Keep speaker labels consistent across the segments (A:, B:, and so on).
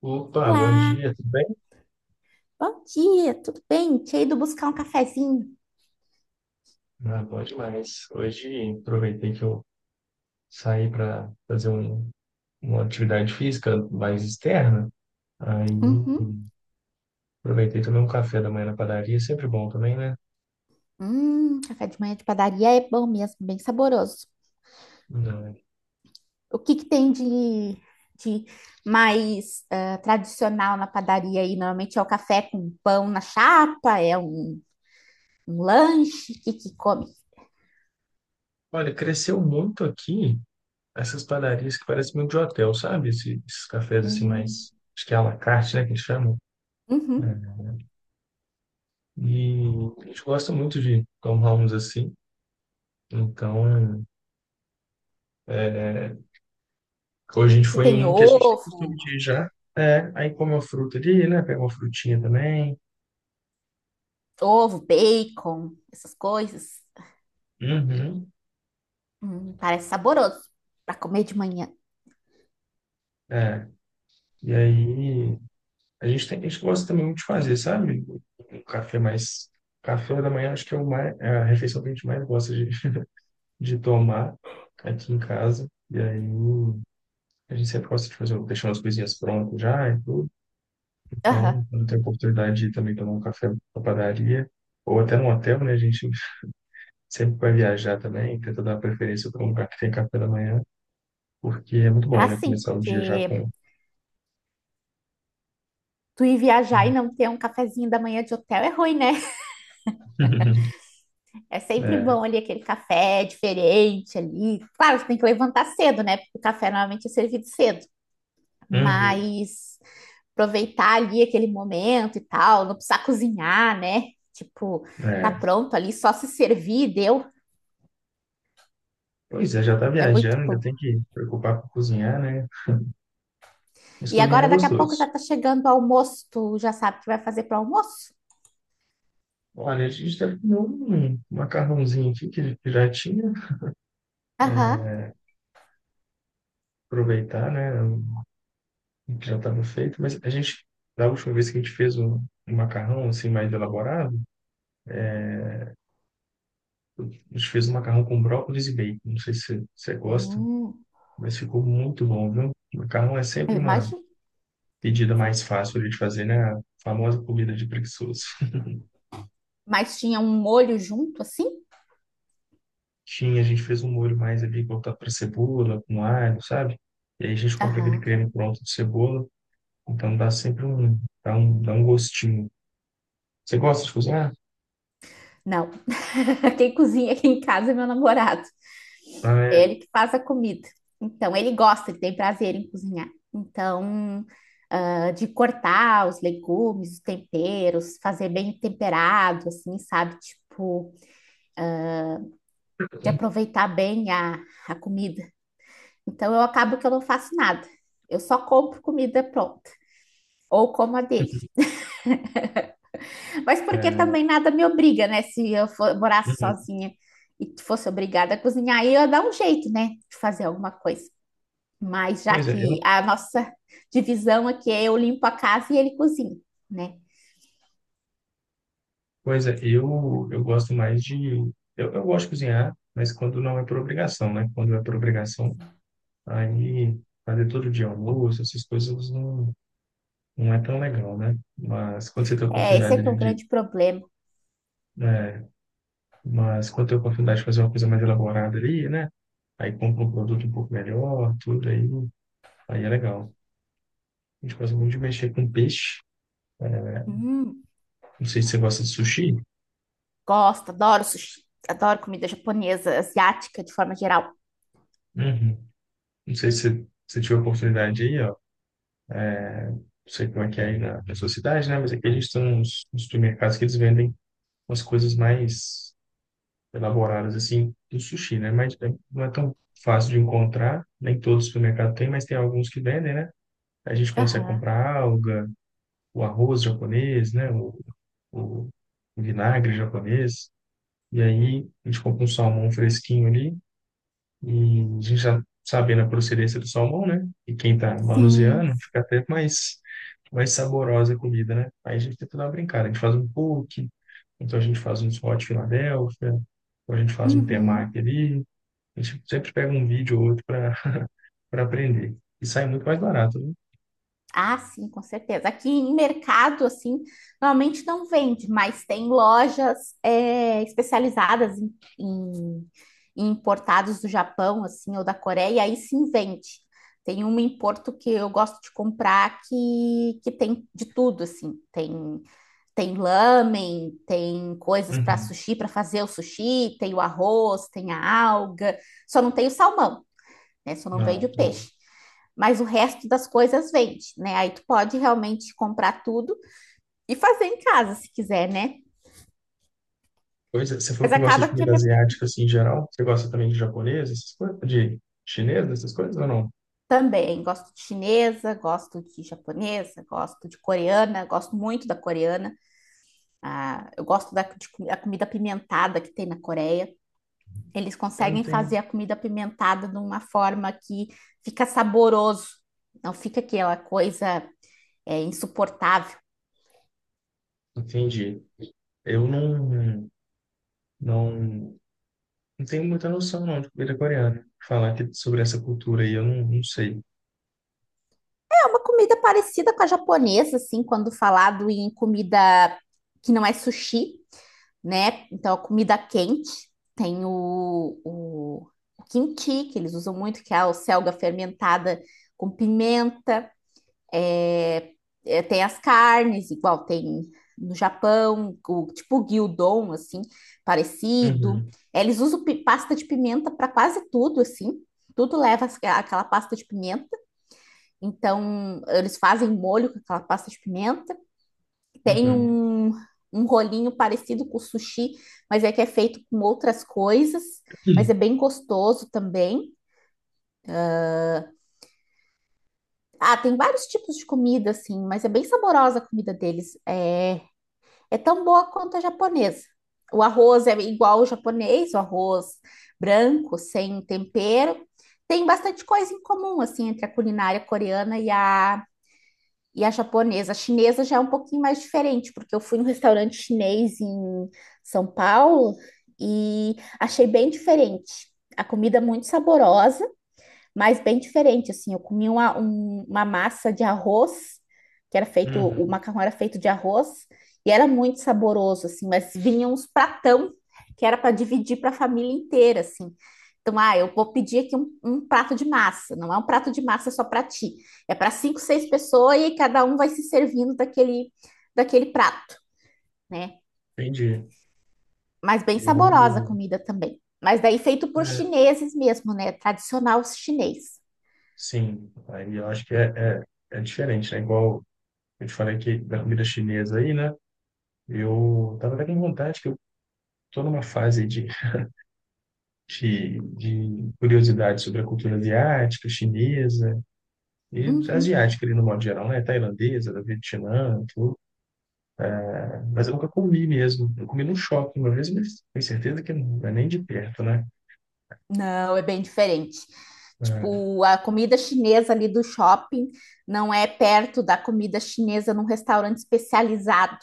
A: Opa, bom
B: Olá,
A: dia, tudo bem?
B: bom dia, tudo bem? Tinha ido buscar um cafezinho.
A: Ah, bom demais. Hoje aproveitei que eu saí para fazer uma atividade física mais externa. Aí
B: Uhum.
A: aproveitei também um café da manhã na padaria, sempre bom também, né?
B: Café de manhã de padaria é bom mesmo, bem saboroso.
A: Não. né?
B: O que que tem de mais tradicional na padaria aí? Normalmente é o café com pão na chapa, é um, um lanche, o que que come?
A: Olha, cresceu muito aqui essas padarias que parecem muito de hotel, sabe? Esses, cafés assim
B: Hum,
A: mais, acho que é à la carte, né, que eles chamam.
B: uhum.
A: É. E a gente gosta muito de tomar uns assim. Então, é, Hoje a gente
B: E
A: foi em
B: tem
A: um que a gente tem costume
B: ovo,
A: de ir já. É, aí come uma fruta ali, né? Pega uma frutinha também.
B: ovo, bacon, essas coisas.
A: Uhum.
B: Parece saboroso para comer de manhã.
A: É. E aí a gente gosta também muito de fazer, sabe? Um café mais. Café da manhã acho que é, o mais, é a refeição que a gente mais gosta de tomar aqui em casa. E aí a gente sempre gosta de fazer, deixar umas coisinhas prontas já e tudo.
B: Aham.
A: Então, quando tem a oportunidade de ir também tomar um café na padaria, ou até num hotel, né? A gente sempre que vai viajar também, tenta dar preferência para um lugar que tem café da manhã, porque é muito bom,
B: Ah,
A: né?
B: sim,
A: Começar o dia já
B: porque
A: com.
B: tu ir viajar e não ter um cafezinho da manhã de hotel é ruim, né? É sempre
A: É.
B: bom ali aquele café diferente ali. Claro, você tem que levantar cedo, né? Porque o café normalmente é servido cedo.
A: Uhum.
B: Mas aproveitar ali aquele momento e tal, não precisar cozinhar, né? Tipo, tá
A: É.
B: pronto ali, só se servir, deu.
A: Pois é, já está
B: É muito
A: viajando, ainda
B: bom.
A: tem que preocupar com cozinhar, né? Mas
B: E
A: cozinhar é
B: agora daqui a pouco já
A: gostoso.
B: tá chegando o almoço, tu já sabe o que vai fazer pro almoço?
A: Olha, a gente está com um macarrãozinho aqui que já tinha,
B: Aham.
A: aproveitar, né? o Que já estava feito, mas da última vez que a gente fez um macarrão assim mais elaborado, a gente fez um macarrão com brócolis e bacon. Não sei se você gosta.
B: Hum,
A: Mas ficou muito bom, viu? Macarrão é
B: eu
A: sempre uma
B: imagino.
A: pedida mais fácil ali de fazer, né? A famosa comida de preguiçoso.
B: Mas tinha um molho junto assim?
A: Tinha, a gente fez um molho mais ali voltado para cebola, com alho, sabe? E aí a gente compra aquele
B: Aham.
A: creme pronto de cebola, então dá sempre um, dá um, dá um gostinho. Você gosta de cozinhar?
B: Não. Quem cozinha aqui em casa é meu namorado.
A: Ah,
B: É
A: é.
B: ele que faz a comida. Então, ele gosta, ele tem prazer em cozinhar. Então, ah, de cortar os legumes, os temperos, fazer bem temperado, assim, sabe? Tipo, de aproveitar bem a comida. Então, eu acabo que eu não faço nada. Eu só compro comida pronta, ou como a dele. Mas porque
A: É,
B: também nada me obriga, né? Se eu for, morasse
A: Uhum.
B: sozinha e fosse obrigada a cozinhar, aí eu ia dar um jeito, né? De fazer alguma coisa. Mas já
A: Pois é,
B: que
A: eu,
B: a nossa divisão aqui é eu limpo a casa e ele cozinha, né?
A: pois é, eu gosto mais de. Eu gosto de cozinhar, mas quando não é por obrigação, né? Quando é por obrigação, Aí, fazer todo dia almoço, essas coisas não, não é tão legal, né? Mas quando você tem a
B: É, esse é
A: oportunidade
B: que é o grande problema.
A: né? Mas quando tem a oportunidade de fazer uma coisa mais elaborada ali, né? Aí compra um produto um pouco melhor, tudo aí, aí é legal. A gente gosta muito de mexer com peixe.
B: Hum,
A: Não sei se você gosta de sushi.
B: gosto, adoro sushi, adoro comida japonesa, asiática de forma geral.
A: Uhum. Não sei se você se tiver oportunidade aí, ó. Não sei como é que é aí na sua cidade, né? Mas aqui a gente tem uns supermercados que eles vendem umas coisas mais elaboradas assim do sushi, né? Não é tão fácil de encontrar, nem todo supermercado tem, mas tem alguns que vendem, né? A gente consegue
B: Aham,
A: comprar alga, o arroz japonês, né? O vinagre japonês. E aí a gente compra um salmão fresquinho ali e a gente já sabendo a procedência do salmão, né? E quem tá manuseando
B: sim.
A: fica até mais saborosa a comida, né? Aí a gente tenta dar uma brincada. A gente faz um poke, então a gente faz uns hot Philadelphia, ou a gente faz um
B: Uhum.
A: temaki ali, a gente sempre pega um vídeo ou outro para aprender. E sai muito mais barato, né?
B: Ah, sim, com certeza. Aqui em mercado, assim, normalmente não vende, mas tem lojas é, especializadas em, em importados do Japão, assim, ou da Coreia, e aí sim vende. Tem uma em Porto que eu gosto de comprar que tem de tudo, assim. Tem, tem lamen, tem coisas para
A: Uhum.
B: sushi, para fazer o sushi, tem o arroz, tem a alga, só não tem o salmão, né? Só não vende
A: Não,
B: o
A: bom.
B: peixe, mas o resto das coisas vende, né? Aí tu pode realmente comprar tudo e fazer em casa se quiser, né?
A: Pois é, você falou
B: Mas
A: que gosta de
B: acaba que é
A: comida
B: minha...
A: asiática assim em geral. Você gosta também de japonesa essas coisas, de chinesa essas coisas ou não?
B: também gosto de chinesa, gosto de japonesa, gosto de coreana, gosto muito da coreana. Ah, eu gosto da de, a comida pimentada que tem na Coreia. Eles
A: Eu não
B: conseguem fazer
A: tenho,
B: a comida pimentada de uma forma que fica saboroso, não fica aquela coisa insuportável.
A: entendi. Eu não, não, não tenho muita noção não de comida coreana. Falar sobre essa cultura aí, eu não, não sei.
B: É uma comida parecida com a japonesa, assim, quando falado em comida que não é sushi, né? Então, a comida quente. Tem o kimchi, que eles usam muito, que é a selga fermentada com pimenta. É, é, tem as carnes, igual tem no Japão, o, tipo o gyudon, assim, parecido.
A: Uhum,
B: É, eles usam pasta de pimenta para quase tudo, assim. Tudo leva aquela pasta de pimenta. Então, eles fazem molho com aquela pasta de pimenta. Tem
A: uhum,
B: um, um rolinho parecido com o sushi, mas é que é feito com outras coisas, mas é
A: Hum.
B: bem gostoso também. Ah, tem vários tipos de comida, assim, mas é bem saborosa a comida deles. É, é tão boa quanto a japonesa. O arroz é igual ao japonês, o arroz branco, sem tempero. Tem bastante coisa em comum, assim, entre a culinária coreana e a japonesa. A chinesa já é um pouquinho mais diferente, porque eu fui num restaurante chinês em São Paulo e achei bem diferente. A comida muito saborosa, mas bem diferente, assim. Eu comi uma, uma massa de arroz, que era feito, o
A: uhum,
B: macarrão era feito de arroz, e era muito saboroso, assim, mas vinha uns pratão que era para dividir para a família inteira, assim. Então, ah, eu vou pedir aqui um, um prato de massa. Não é um prato de massa só para ti. É para cinco, seis pessoas e cada um vai se servindo daquele, daquele prato, né?
A: entendi.
B: Mas bem saborosa a
A: Eu,
B: comida também. Mas daí feito por
A: é,
B: chineses mesmo, né? Tradicional chinês.
A: sim. Aí eu acho que é, é diferente, né? Igual Eu te falei que da comida chinesa aí, né? Eu tava até com vontade, que eu tô numa fase de curiosidade sobre a cultura asiática, chinesa, e
B: Uhum.
A: asiática ali no modo geral, né? Tailandesa, da Vietnã, tudo. Mas eu nunca comi mesmo. Eu comi num shopping uma vez, mas tenho certeza que não é nem de perto, né?
B: Não, é bem diferente.
A: É.
B: Tipo, a comida chinesa ali do shopping não é perto da comida chinesa num restaurante especializado,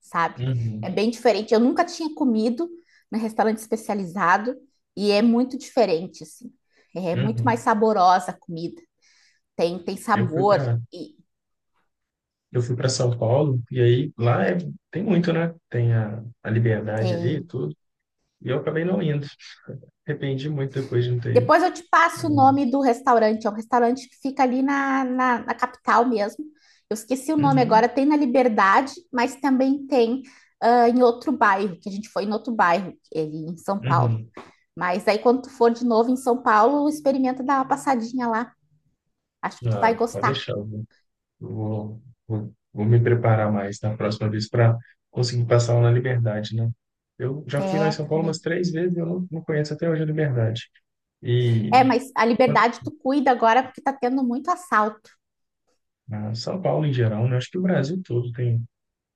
B: sabe? É
A: Uhum,
B: bem diferente. Eu nunca tinha comido num restaurante especializado e é muito diferente, assim. É muito mais
A: uhum.
B: saborosa a comida. Tem, tem
A: Eu fui
B: sabor
A: para
B: e
A: eu fui para São Paulo, e aí lá é, tem muito, né? Tem a liberdade ali e
B: tem.
A: tudo. E eu acabei não indo. Arrependi muito depois de não ter ido.
B: Depois eu te passo o nome
A: Nossa.
B: do restaurante. É um restaurante que fica ali na, na, na capital mesmo. Eu esqueci o nome
A: Uhum,
B: agora. Tem na Liberdade, mas também tem ah, em outro bairro, que a gente foi em outro bairro, ele em São Paulo.
A: uhum.
B: Mas aí quando tu for de novo em São Paulo, experimenta dar uma passadinha lá. Acho que tu vai
A: Ah, pode
B: gostar.
A: deixar. Vou, vou me preparar mais na próxima vez para conseguir passar lá na Liberdade, né? Eu já fui lá em
B: É,
A: São Paulo umas
B: também.
A: três vezes, e eu não, não conheço até hoje a Liberdade. E
B: É, mas a Liberdade tu cuida agora porque tá tendo muito assalto.
A: ah, São Paulo em geral, né? Acho que o Brasil todo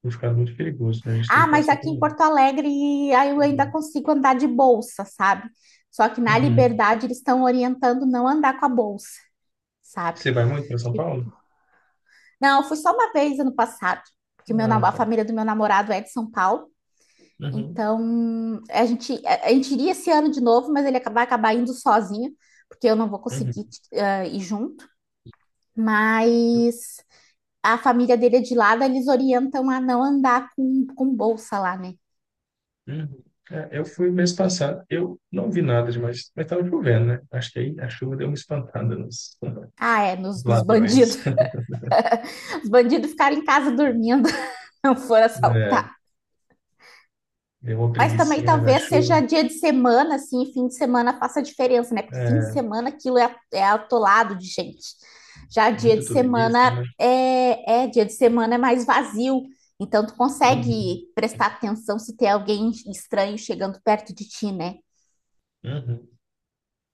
A: tem ficado muito perigoso, né? A gente tem
B: Ah,
A: que
B: mas
A: passar
B: aqui em
A: por.
B: Porto Alegre aí eu ainda consigo andar de bolsa, sabe? Só que na
A: Uhum.
B: Liberdade eles estão orientando não andar com a bolsa, sabe?
A: Você vai muito para São Paulo?
B: Tipo, não, eu fui só uma vez ano passado, porque o meu,
A: Ah,
B: a
A: tá.
B: família do meu namorado é de São Paulo.
A: Uhum,
B: Então, a gente, a gente iria esse ano de novo, mas ele vai acabar indo sozinho, porque eu não vou
A: uhum.
B: conseguir, ir junto. Mas a família dele é de lá, daí eles orientam a não andar com bolsa lá, né?
A: Uhum. É, eu fui mês passado, eu não vi nada demais, mas estava chovendo, né? Acho que aí a chuva deu uma espantada nos
B: Ah, é, nos, nos bandidos.
A: ladrões,
B: Os bandidos ficarem em casa dormindo, não foram
A: né?
B: assaltar.
A: Deu uma
B: Mas também
A: preguicinha, né, na
B: talvez
A: chuva.
B: seja dia de semana, assim, fim de semana faça diferença, né? Porque fim de
A: É,
B: semana aquilo é, é atolado de gente. Já dia
A: muito
B: de
A: turista,
B: semana
A: né?
B: é, é dia de semana é mais vazio. Então tu
A: Uhum,
B: consegue prestar atenção se tem alguém estranho chegando perto de ti, né?
A: uhum.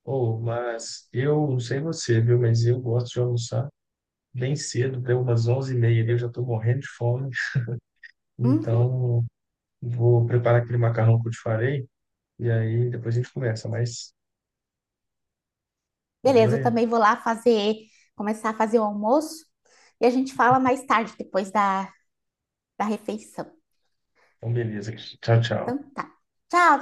A: Oh, mas eu não sei você, viu? Mas eu gosto de almoçar bem cedo, deu umas 11:30, ali, eu já estou morrendo de fome.
B: Uhum.
A: Então, vou preparar aquele macarrão que eu te falei, e aí depois a gente conversa, mas tá
B: Beleza, eu
A: joia?
B: também vou lá fazer, começar a fazer o almoço e a gente fala mais tarde, depois da, da refeição.
A: Então, beleza. Tchau, tchau.
B: Então tá. Tchau,